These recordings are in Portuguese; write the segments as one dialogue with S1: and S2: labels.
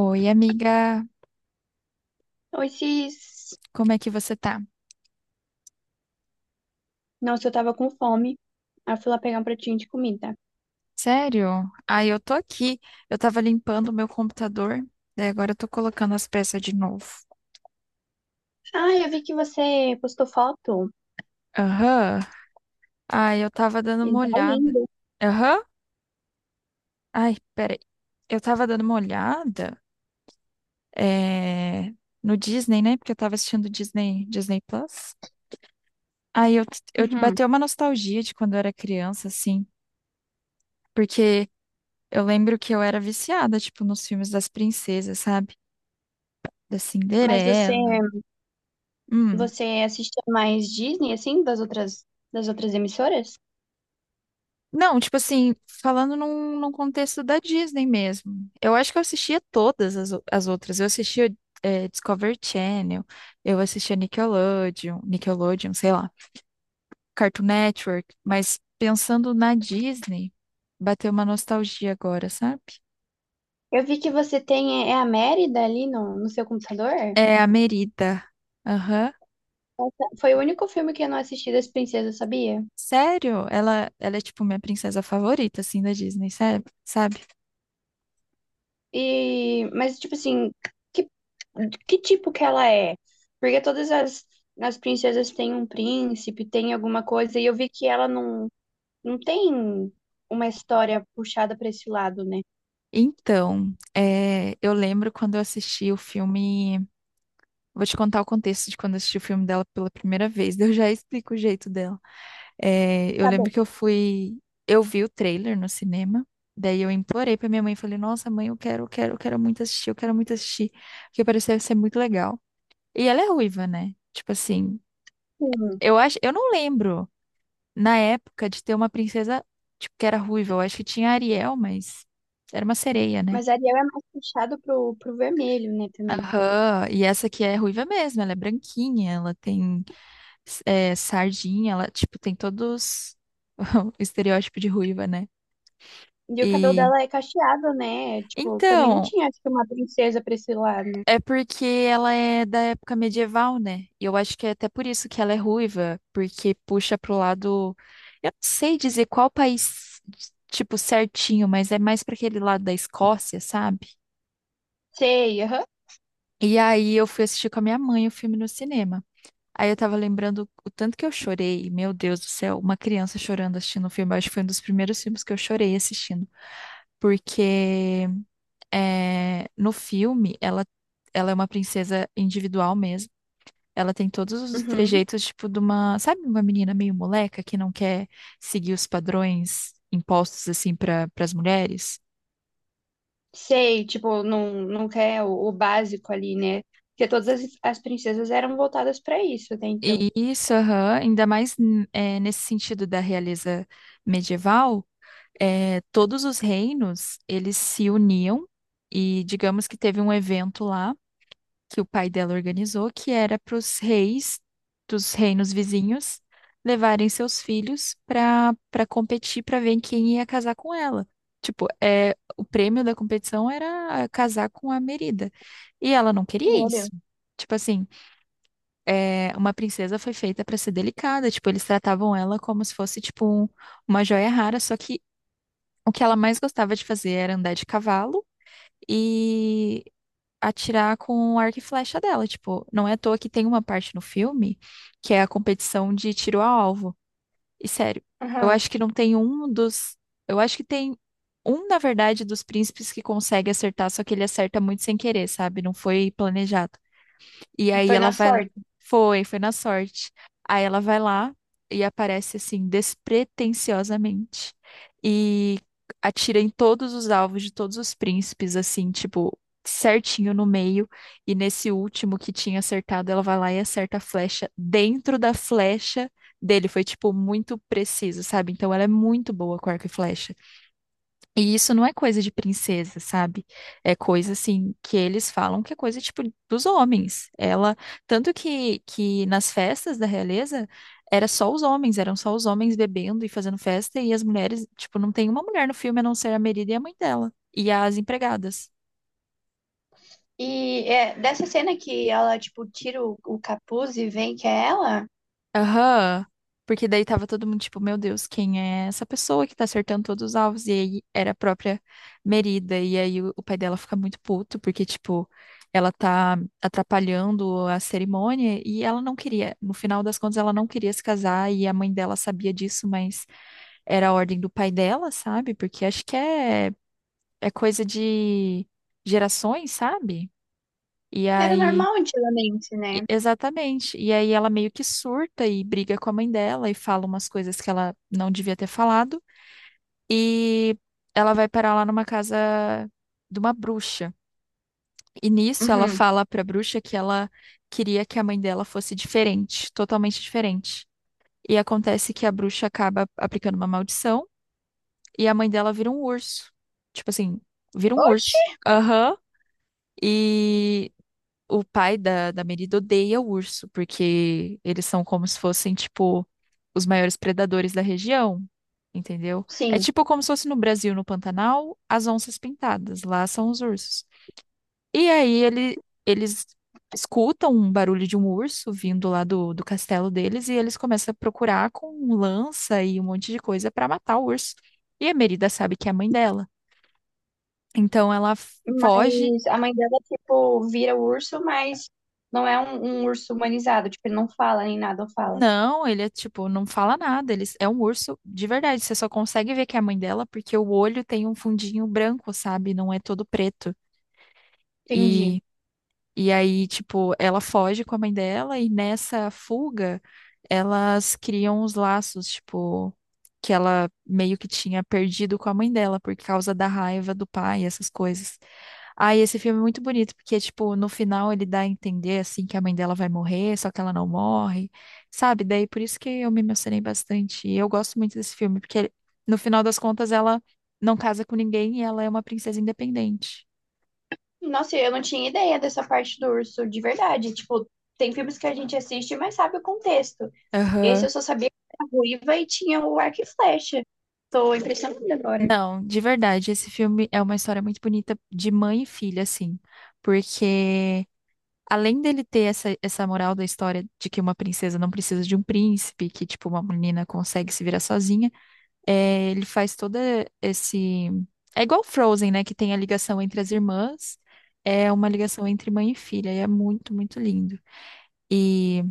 S1: Oi, amiga,
S2: Então, esses...
S1: como é que você tá?
S2: Nossa, eu tava com fome. Aí eu fui lá pegar um pratinho de comida.
S1: Sério? Ah, eu tô aqui. Eu tava limpando o meu computador, daí agora eu tô colocando as peças de novo.
S2: Ah, eu vi que você postou foto.
S1: Aham. Ah, eu tava dando uma
S2: Ele tá
S1: olhada.
S2: lindo.
S1: Aham. Ai, peraí. Eu tava dando uma olhada é, no Disney, né? Porque eu tava assistindo Disney, Disney Plus. Aí eu, eu
S2: Uhum.
S1: bateu uma nostalgia de quando eu era criança, assim. Porque eu lembro que eu era viciada, tipo, nos filmes das princesas, sabe? Da
S2: Mas você,
S1: Cinderela. Hum.
S2: você assistia mais Disney, assim, das outras emissoras?
S1: Não, tipo assim, falando num contexto da Disney mesmo. Eu acho que eu assistia todas as outras. Eu assistia Discovery Channel, eu assistia Nickelodeon, sei lá, Cartoon Network, mas pensando na Disney, bateu uma nostalgia agora, sabe?
S2: Eu vi que você tem é a Mérida ali no seu computador.
S1: É a Merida. Aham.
S2: Essa- Foi o único filme que eu não assisti das princesas, sabia?
S1: Sério, ela é tipo minha princesa favorita, assim, da Disney, sabe? Sabe?
S2: E, mas, tipo assim, que, que tipo que ela é? Porque todas as princesas têm um príncipe, têm alguma coisa, e eu vi que ela não tem uma história puxada pra esse lado, né?
S1: Então, eu lembro quando eu assisti o filme. Vou te contar o contexto de quando eu assisti o filme dela pela primeira vez. Eu já explico o jeito dela. É, eu
S2: Tá
S1: lembro
S2: bom.
S1: que eu fui. Eu vi o trailer no cinema. Daí eu implorei pra minha mãe. Falei, nossa, mãe, eu quero muito assistir, eu quero muito assistir. Porque parecia ser muito legal. E ela é ruiva, né? Tipo assim,
S2: Sim.
S1: eu acho. Eu não lembro na época de ter uma princesa tipo, que era ruiva. Eu acho que tinha a Ariel, mas era uma sereia, né?
S2: Mas a Ariel é mais puxada pro vermelho, né, também.
S1: Aham. E essa aqui é ruiva mesmo, ela é branquinha, ela tem sardinha, ela, tipo, tem todos o estereótipo de ruiva, né?
S2: E o cabelo
S1: E
S2: dela é cacheado, né? Tipo, também não
S1: então,
S2: tinha, acho que uma princesa pra esse lado.
S1: é porque ela é da época medieval, né? E eu acho que é até por isso que ela é ruiva, porque puxa pro lado, eu não sei dizer qual país, tipo, certinho, mas é mais para aquele lado da Escócia, sabe?
S2: Sei, aham.
S1: E aí eu fui assistir com a minha mãe o filme no cinema. Aí eu tava lembrando o tanto que eu chorei, meu Deus do céu, uma criança chorando assistindo o filme, eu acho que foi um dos primeiros filmes que eu chorei assistindo. Porque no filme ela é uma princesa individual mesmo. Ela tem todos os
S2: Uhum.
S1: trejeitos, tipo, de uma, sabe, uma menina meio moleca que não quer seguir os padrões impostos, assim, para as mulheres?
S2: Sei, tipo, não, não quer o básico ali, né? Porque todas as princesas eram voltadas pra isso até então.
S1: E isso, aham, ainda mais nesse sentido da realeza medieval, é, todos os reinos, eles se uniam e digamos que teve um evento lá que o pai dela organizou, que era para os reis dos reinos vizinhos levarem seus filhos para competir para ver quem ia casar com ela. Tipo, o prêmio da competição era casar com a Merida. E ela não queria
S2: Meu
S1: isso.
S2: Deus.
S1: Tipo assim, uma princesa foi feita para ser delicada. Tipo, eles tratavam ela como se fosse, tipo, uma joia rara. Só que o que ela mais gostava de fazer era andar de cavalo e atirar com o arco e flecha dela. Tipo, não é à toa que tem uma parte no filme que é a competição de tiro a alvo. E sério, eu
S2: Aham.
S1: acho que não tem um dos. Eu acho que tem um, na verdade, dos príncipes que consegue acertar, só que ele acerta muito sem querer, sabe? Não foi planejado. E aí
S2: Foi
S1: ela
S2: na
S1: vai lá.
S2: sorte.
S1: Foi na sorte. Aí ela vai lá e aparece assim, despretensiosamente. E atira em todos os alvos de todos os príncipes, assim, tipo, certinho no meio. E nesse último que tinha acertado, ela vai lá e acerta a flecha dentro da flecha dele. Foi, tipo, muito preciso, sabe? Então ela é muito boa com arco e flecha. E isso não é coisa de princesa, sabe? É coisa assim que eles falam que é coisa tipo dos homens. Ela, tanto que nas festas da realeza era só os homens, eram só os homens bebendo e fazendo festa e as mulheres, tipo, não tem uma mulher no filme a não ser a Merida e a mãe dela e as empregadas.
S2: E é, dessa cena que ela, tipo, tira o capuz e vem que é ela.
S1: Aham. Porque daí tava todo mundo tipo, meu Deus, quem é essa pessoa que tá acertando todos os alvos? E aí era a própria Merida. E aí o pai dela fica muito puto, porque, tipo, ela tá atrapalhando a cerimônia e ela não queria. No final das contas, ela não queria se casar e a mãe dela sabia disso, mas era a ordem do pai dela, sabe? Porque acho que é coisa de gerações, sabe? E
S2: Era
S1: aí.
S2: normal antigamente, né?
S1: Exatamente. E aí ela meio que surta e briga com a mãe dela e fala umas coisas que ela não devia ter falado. E ela vai parar lá numa casa de uma bruxa. E nisso ela
S2: Uhum.
S1: fala pra bruxa que ela queria que a mãe dela fosse diferente, totalmente diferente. E acontece que a bruxa acaba aplicando uma maldição e a mãe dela vira um urso. Tipo assim, vira um
S2: Oxi!
S1: urso. Aham. E o pai da Merida odeia o urso, porque eles são como se fossem, tipo, os maiores predadores da região, entendeu? É
S2: Sim,
S1: tipo como se fosse no Brasil, no Pantanal, as onças pintadas, lá são os ursos. E aí eles escutam um barulho de um urso vindo lá do castelo deles e eles começam a procurar com lança e um monte de coisa para matar o urso. E a Merida sabe que é a mãe dela. Então ela foge.
S2: mas a mãe dela, tipo, vira o urso, mas não é um urso humanizado, tipo, ele não fala nem nada, não fala.
S1: Não, ele é tipo, não fala nada. Ele é um urso de verdade. Você só consegue ver que é a mãe dela porque o olho tem um fundinho branco, sabe? Não é todo preto.
S2: Entendi.
S1: E e aí, tipo, ela foge com a mãe dela e nessa fuga elas criam os laços, tipo, que ela meio que tinha perdido com a mãe dela por causa da raiva do pai, essas coisas. Ah, e esse filme é muito bonito, porque, tipo, no final ele dá a entender, assim, que a mãe dela vai morrer, só que ela não morre, sabe? Daí por isso que eu me emocionei bastante. E eu gosto muito desse filme, porque no final das contas ela não casa com ninguém e ela é uma princesa independente.
S2: Nossa, eu não tinha ideia dessa parte do urso, de verdade. Tipo, tem filmes que a gente assiste, mas sabe o contexto. Esse
S1: Aham.
S2: eu só sabia que era ruiva e tinha o arco e flecha. Tô impressionada agora.
S1: Não, de verdade, esse filme é uma história muito bonita de mãe e filha, assim, porque além dele ter essa moral da história de que uma princesa não precisa de um príncipe, que, tipo, uma menina consegue se virar sozinha, é, ele faz todo esse... É igual Frozen, né, que tem a ligação entre as irmãs, é uma ligação entre mãe e filha, e é muito, muito lindo. E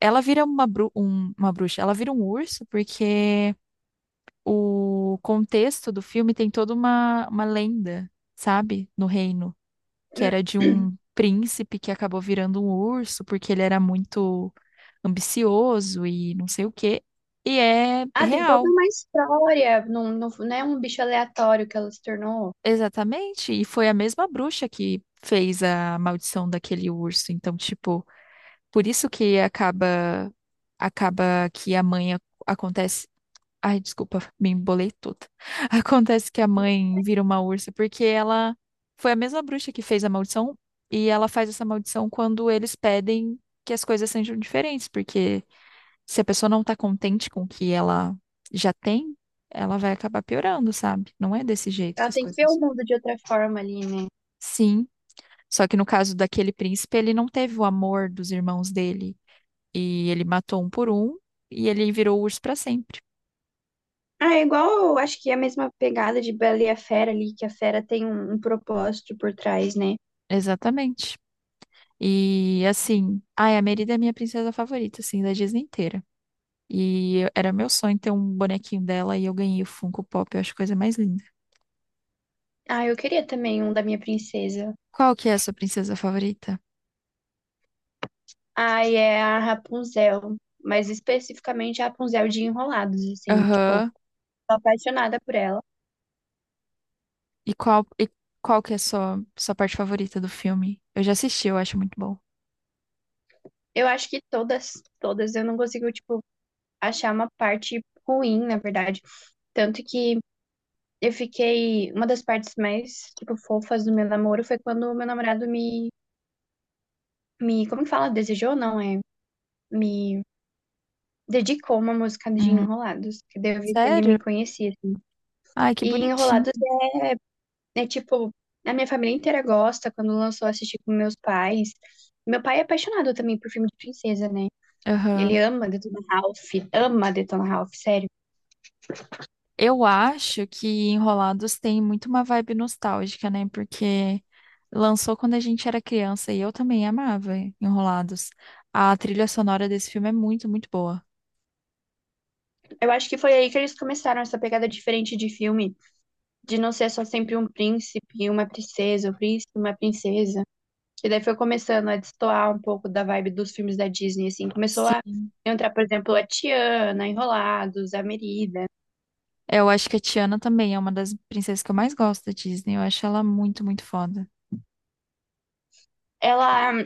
S1: ela vira uma bruxa, ela vira um urso porque o contexto do filme tem toda uma lenda, sabe? No reino, que era de um príncipe que acabou virando um urso porque ele era muito ambicioso e não sei o quê. E é
S2: Ah, tem toda
S1: real,
S2: uma história. Não é um bicho aleatório que ela se tornou.
S1: exatamente. E foi a mesma bruxa que fez a maldição daquele urso. Então, tipo, por isso que acaba que a mãe acontece. Ai, desculpa, me embolei toda. Acontece que a mãe vira uma ursa porque ela foi a mesma bruxa que fez a maldição e ela faz essa maldição quando eles pedem que as coisas sejam diferentes, porque se a pessoa não tá contente com o que ela já tem, ela vai acabar piorando, sabe? Não é desse jeito que
S2: Ela
S1: as
S2: tem que ver o
S1: coisas.
S2: mundo de outra forma ali, né?
S1: Sim, só que no caso daquele príncipe, ele não teve o amor dos irmãos dele e ele matou um por um e ele virou urso pra sempre.
S2: Ah, é igual, eu acho que é a mesma pegada de Bela e a Fera ali, que a fera tem um propósito por trás, né?
S1: Exatamente. E assim, ai, a Merida é minha princesa favorita, assim, da Disney inteira. Era meu sonho ter um bonequinho dela e eu ganhei o Funko Pop, eu acho a coisa mais linda.
S2: Ah, eu queria também um da minha princesa.
S1: Qual que é a sua princesa favorita?
S2: Ai, é a Rapunzel, mas especificamente a Rapunzel de Enrolados, assim, tipo,
S1: Aham.
S2: tô apaixonada por ela.
S1: E qual que é a sua parte favorita do filme? Eu já assisti, eu acho muito bom.
S2: Eu acho que todas, eu não consigo, tipo, achar uma parte ruim, na verdade. Tanto que eu fiquei, uma das partes mais, tipo, fofas do meu namoro foi quando o meu namorado me, como que fala? Desejou, não, é? Me dedicou uma música de
S1: Hum,
S2: Enrolados, que daí eu vi que ele me
S1: sério?
S2: conhecia, assim.
S1: Ai, que
S2: E
S1: bonitinho.
S2: Enrolados é tipo, a minha família inteira gosta, quando lançou eu assisti com meus pais. Meu pai é apaixonado também por filme de princesa, né? Ele
S1: Aham.
S2: ama Detona Ralph, sério.
S1: Eu acho que Enrolados tem muito uma vibe nostálgica, né? Porque lançou quando a gente era criança e eu também amava Enrolados. A trilha sonora desse filme é muito, muito boa.
S2: Eu acho que foi aí que eles começaram essa pegada diferente de filme, de não ser só sempre um príncipe e uma princesa, um príncipe e uma princesa. E daí foi começando a destoar um pouco da vibe dos filmes da Disney, assim. Começou a
S1: Sim.
S2: entrar, por exemplo, a Tiana, Enrolados, a Merida.
S1: Eu acho que a Tiana também é uma das princesas que eu mais gosto da Disney. Eu acho ela muito, muito foda.
S2: Ela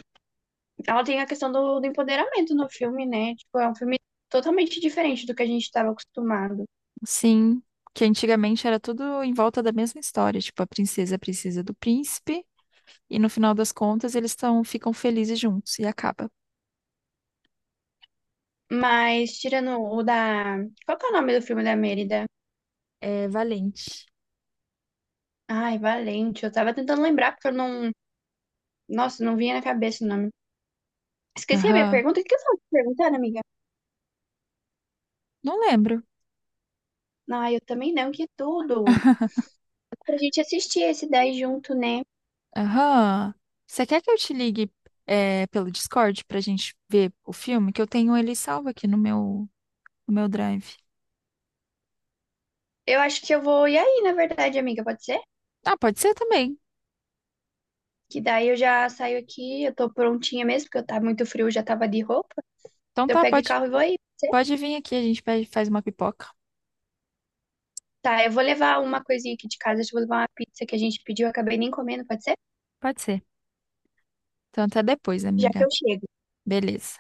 S2: Ela tem a questão do, do empoderamento no filme, né? Tipo, é um filme totalmente diferente do que a gente estava acostumado.
S1: Sim, que antigamente era tudo em volta da mesma história, tipo, a princesa precisa do príncipe e no final das contas eles tão, ficam felizes juntos e acaba.
S2: Mas tirando o da. Qual que é o nome do filme da Mérida?
S1: É valente.
S2: Ai, Valente. Eu tava tentando lembrar, porque eu não. Nossa, não vinha na cabeça o nome. Esqueci a minha
S1: Aham.
S2: pergunta. O que eu tava te perguntando, amiga?
S1: Não lembro.
S2: Ah, eu também não, que tudo. Pra gente assistir esse daí junto, né?
S1: Aham. Você quer que eu te ligue pelo Discord pra gente ver o filme? Que eu tenho ele salvo aqui no meu, no meu Drive.
S2: Eu acho que eu vou ir aí, na verdade, amiga, pode ser?
S1: Ah, pode ser também.
S2: Que daí eu já saio aqui, eu tô prontinha mesmo, porque eu tá muito frio, eu já tava de roupa.
S1: Então
S2: Eu
S1: tá,
S2: pego o
S1: pode,
S2: carro e vou aí.
S1: pode vir aqui, a gente pede- faz uma pipoca.
S2: Tá, eu vou levar uma coisinha aqui de casa, acho que eu vou levar uma pizza que a gente pediu, eu acabei nem comendo, pode ser?
S1: Pode ser. Então até depois,
S2: Já que
S1: amiga.
S2: eu chego.
S1: Beleza.